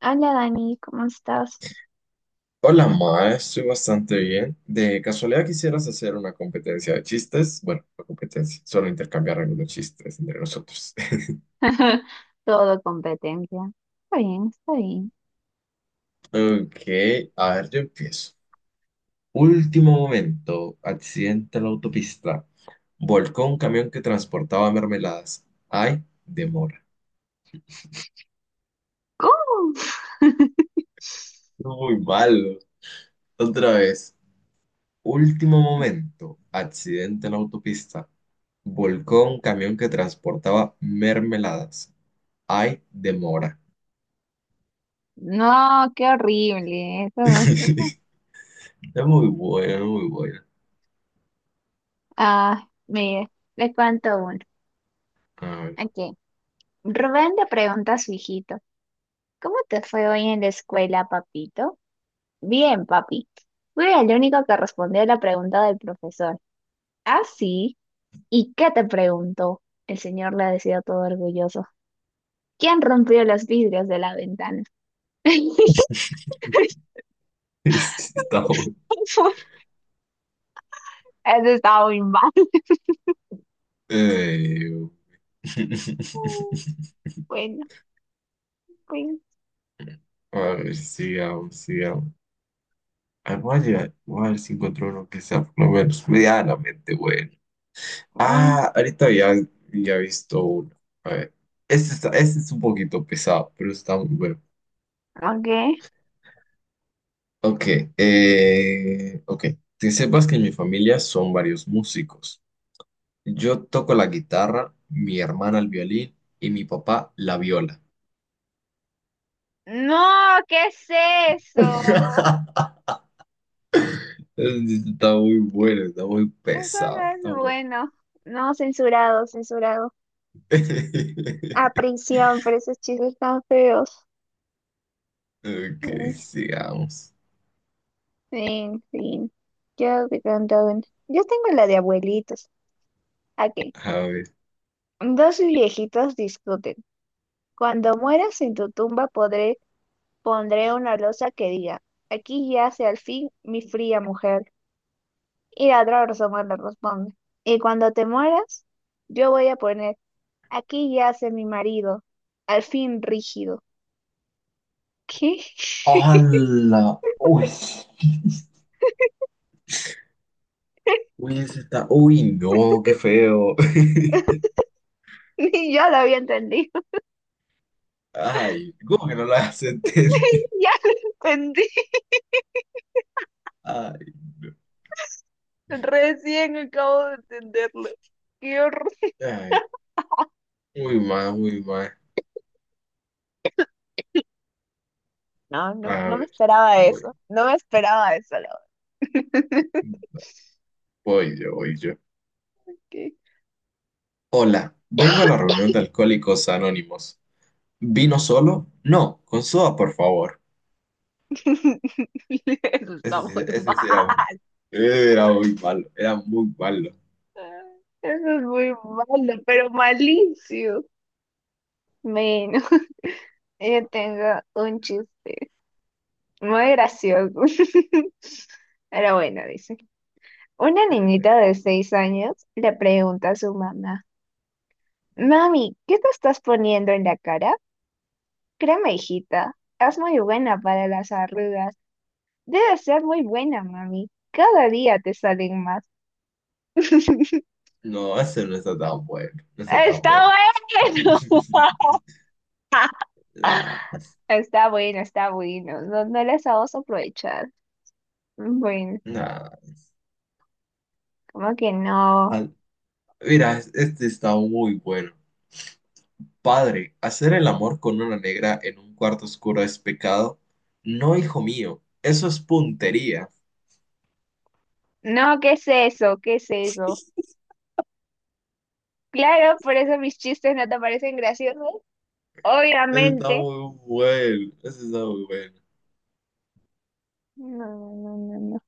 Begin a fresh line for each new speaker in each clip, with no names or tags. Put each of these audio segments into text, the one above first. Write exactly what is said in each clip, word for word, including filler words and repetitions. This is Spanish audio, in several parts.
Hola Dani, ¿cómo estás?
Hola, Ma, estoy bastante bien. De casualidad quisieras hacer una competencia de chistes. Bueno, no competencia, solo intercambiar algunos chistes entre nosotros.
Todo competencia. Está bien, está bien.
Ok, a ver, yo empiezo. Último momento, accidente en la autopista. Volcó un camión que transportaba mermeladas. Ay, demora.
¿Cómo?
Muy malo. Otra vez. Último momento, accidente en la autopista. Volcó un camión que transportaba mermeladas. Ay, demora.
No, qué horrible. Eso no es-
Es muy buena, muy buena.
Ah, mire, le cuento uno.
A ver.
Aquí. Rubén le pregunta a su hijito, ¿cómo te fue hoy en la escuela, papito? Bien, papi. Fui el único que respondió a la pregunta del profesor. ¿Ah, sí? ¿Y qué te preguntó? El señor le decía todo orgulloso. ¿Quién rompió los vidrios de la ventana?
Está bueno.
Eso estaba muy mal.
Eh,
Bueno, pues,
A ver, sigamos, sigamos. Ah, voy a llegar- voy a ver si encuentro uno que sea por lo menos medianamente bueno.
no,
Ah, ahorita ya, ya he visto uno. A ver. Este, está, este es un poquito pesado, pero está muy bueno.
ok.
Ok, eh, ok. Que sepas que en mi familia son varios músicos. Yo toco la guitarra, mi hermana el violín y mi papá la viola.
No, ¿qué es eso?
Está muy bueno, está muy
Eso no
pesado, está
es
bueno.
bueno. No, censurado, censurado. A prisión por esos chistes tan feos. Mm,
Ok, sigamos.
fin, fin. Yo te cuento una. Yo tengo la de abuelitos. Ok.
A ver.
Dos viejitos discuten. Cuando mueras en tu tumba podré, pondré una losa que diga, aquí yace al fin mi fría mujer. Y la otra persona le responde, y cuando te mueras, yo voy a poner, aquí yace mi marido, al fin rígido. ¿Qué?
¡Hala! Uy, uy, ese está. Uy, no, qué feo.
Ni yo lo había entendido.
Ay, ¿cómo que no la has
Sí,
entendido?
ya lo entendí.
Ay, no.
Recién acabo de entenderlo. Qué horror.
Ay, muy mal, muy mal.
No, no,
A
no me
ver,
esperaba
voy,
eso. No me esperaba eso, la verdad.
voy yo, voy yo.
¿Qué?
Hola, vengo a la reunión de Alcohólicos Anónimos. ¿Vino solo? No, con soda, por favor.
Eso está
Ese sí,
muy
ese sí era un-
mal.
era muy malo, era muy malo.
Eso es muy malo, pero malicio. Menos. Yo tengo un chiste muy gracioso. Pero bueno, dice. Una niñita de seis años le pregunta a su mamá, mami, ¿qué te estás poniendo en la cara? Créeme, hijita, es muy buena para las arrugas. Debe ser muy buena, mami. Cada día te salen más. Está
No, ese no está tan bueno, no está tan bueno.
bueno.
Nah,
Está bueno, está bueno. No, no les vamos a aprovechar. Bueno,
nah.
como que no.
Al- Mira, es- este está muy bueno. Padre, hacer el amor con una negra en un cuarto oscuro es pecado. No, hijo mío, eso es puntería.
No, ¿qué es eso? ¿Qué es eso? Claro, por eso mis chistes no te parecen graciosos.
Ese está
Obviamente.
muy bueno, ese está muy bueno.
No, no, no, no.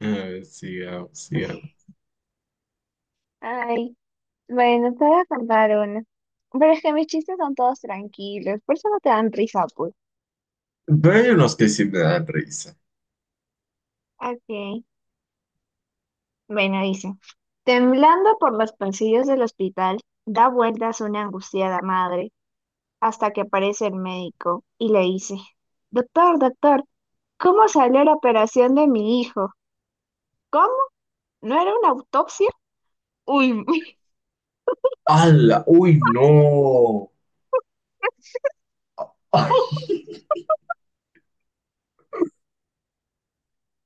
A ver, sigamos, sigamos.
Ay, bueno, te voy a contar uno. Pero es que mis chistes son todos tranquilos, por eso no te dan risa, pues.
Pero hay unos que sí me dan risa.
Ok. Bueno, dice. Temblando por los pasillos del hospital, da vueltas una angustiada madre hasta que aparece el médico y le dice, doctor, doctor, ¿cómo salió la operación de mi hijo? ¿Cómo? ¿No era una autopsia? Uy,
¡Hala! ¡Uy, no! ¡Ay!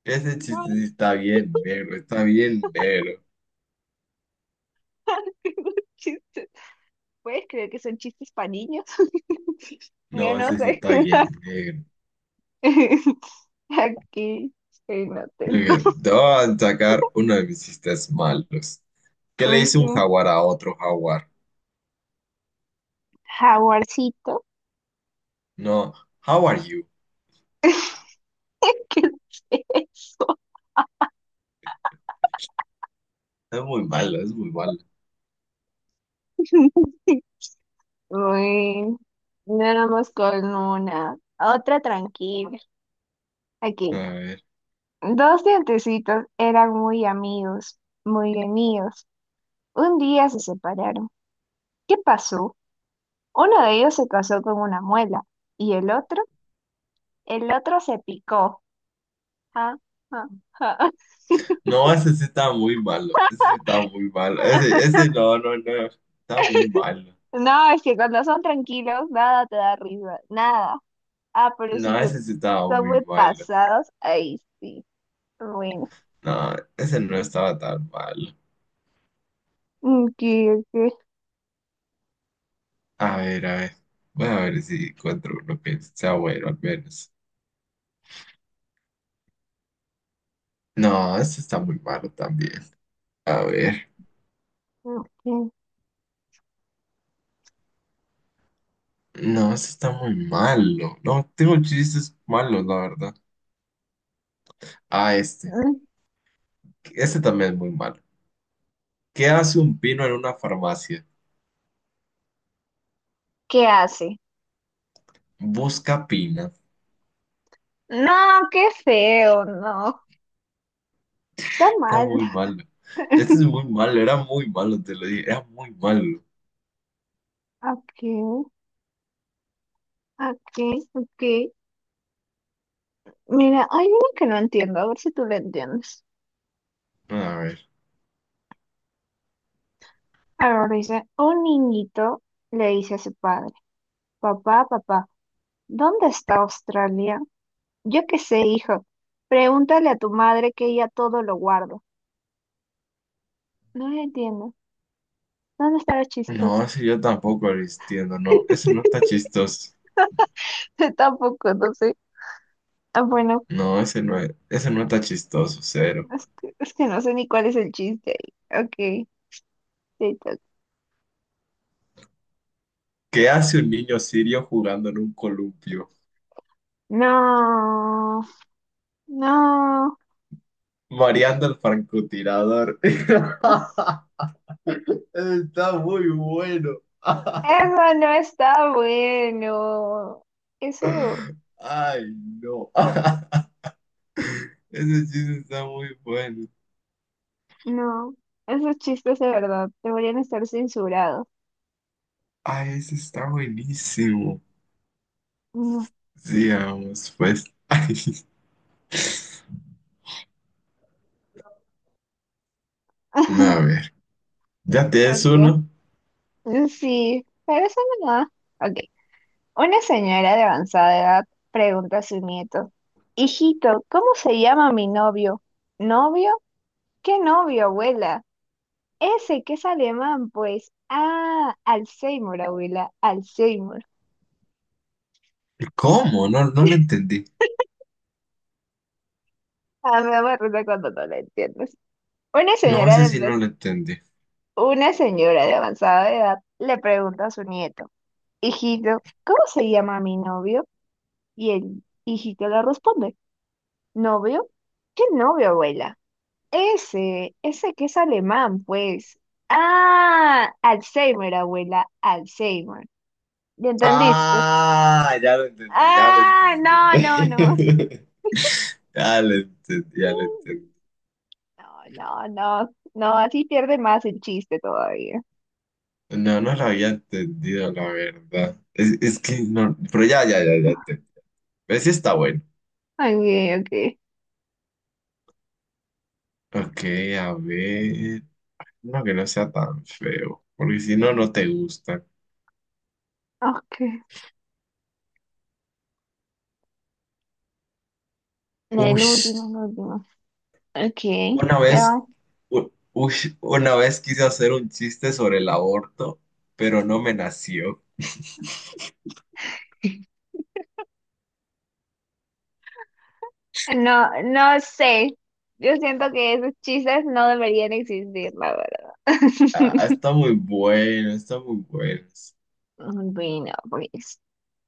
Ese
no,
chiste sí está bien negro, está bien negro.
qué buen chiste. ¿Puedes creer que son chistes para niños? Yo
No,
no
ese sí
sé.
está bien negro.
Aquí, estoy
Ok,
atento.
te voy a sacar uno de mis chistes malos. ¿Qué le dice un
Ujú.
jaguar a otro jaguar?
Jaguarcito.
No, how are you?
¿Qué es eso?
Es muy malo, es muy malo.
Uy, nada más con una. Otra tranquila.
A
Aquí.
ver.
Dos dientecitos eran muy amigos, muy amigos. Un día se separaron. ¿Qué pasó? Uno de ellos se casó con una muela y el otro, el otro se picó. Ja, ja, ja.
No, ese sí está muy malo. Ese sí está muy malo. Ese, ese no, no, no. Está muy malo.
No, es que cuando son tranquilos, nada te da risa, nada. Ah, pero si
No,
se-
ese sí estaba
son
muy
muy
mal.
pasados, ahí sí. Bueno,
No, ese no estaba tan mal.
¿qué, qué,
A ver, a ver. Voy a ver si encuentro uno que sea bueno al menos. No, ese está muy malo también. A ver. No, ese está muy malo. No, tengo chistes malos, la verdad. Ah, este. Este también es muy malo. ¿Qué hace un pino en una farmacia?
¿qué hace?
Busca pina.
No, qué feo, no. Está
Está
mal.
muy malo. Este es muy malo, era muy malo, te lo dije. Era muy malo.
Ok, ok, ok. Mira, hay una que no entiendo, a ver si tú la entiendes.
A ver.
Ahora dice, un niñito le dice a su padre, papá, papá, ¿dónde está Australia? Yo qué sé, hijo. Pregúntale a tu madre que ella todo lo guarda. No lo entiendo. ¿Dónde estará chistoso?
No, ese yo tampoco lo entiendo, no. Ese no está chistoso.
Tampoco, no sé. Ah, bueno,
No, ese no es- ese no está chistoso, cero.
es que, es que no sé ni cuál es el chiste ahí. Ok, te toca.
¿Qué hace un niño sirio jugando en un columpio?
No, no.
Mareando al francotirador. Está muy bueno.
Eso no está bueno. Eso.
Ay, no. Ese chiste está muy bueno.
No, esos chistes de verdad deberían estar censurados.
Ay, ese está buenísimo.
No.
Sigamos, pues. Ay, a ver. ¿Ya tienes
Okay.
uno?
Mm, sí, pero eso no. Ok. Una señora de avanzada edad pregunta a su nieto, hijito, ¿cómo se llama mi novio? ¿Novio? ¿Qué novio, abuela? Ese que es alemán, pues. Ah, Alzheimer, abuela, Alzheimer.
¿Cómo? No, no lo entendí.
Ah, me da acuerdo cuando no lo entiendes. Una
No,
señora
ese sí
de,
no lo entendí.
una señora de avanzada edad le pregunta a su nieto, hijito, ¿cómo se llama mi novio? Y el hijito le responde, ¿novio? ¿Qué novio, abuela? Ese, ese que es alemán, pues. Ah, Alzheimer, abuela, Alzheimer. ¿Ya entendiste?
Ah, ya lo entendí, ya lo
Ah,
entendí.
no, no, no.
Ya lo entendí, ya lo
Mm,
entendí.
no, no, no, no, así pierde más el chiste todavía.
No, no lo había entendido, la verdad. Es, es que no, pero ya, ya, ya, ya entendí. Pero sí está bueno.
Ok, ok,
Ok, a ver. No, que no sea tan feo, porque si no, no te gusta.
ok.
Uy,
El último, el último. Ok,
una
te
vez,
va.
u- uy, una vez quise hacer un chiste sobre el aborto, pero no me nació.
No, no sé. Yo siento que esos chistes no deberían existir, la verdad.
Ah, está muy bueno, está muy bueno.
Bueno, pues,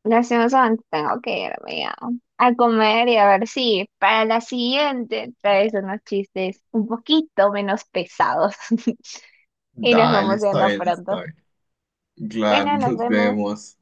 lastimosamente tengo que irme a, a comer y a ver si para la siguiente traes unos chistes un poquito menos pesados. Y nos
Dale,
vamos
está
viendo
bien,
pronto.
está bien. Claro,
Bueno, nos
nos
vemos.
vemos.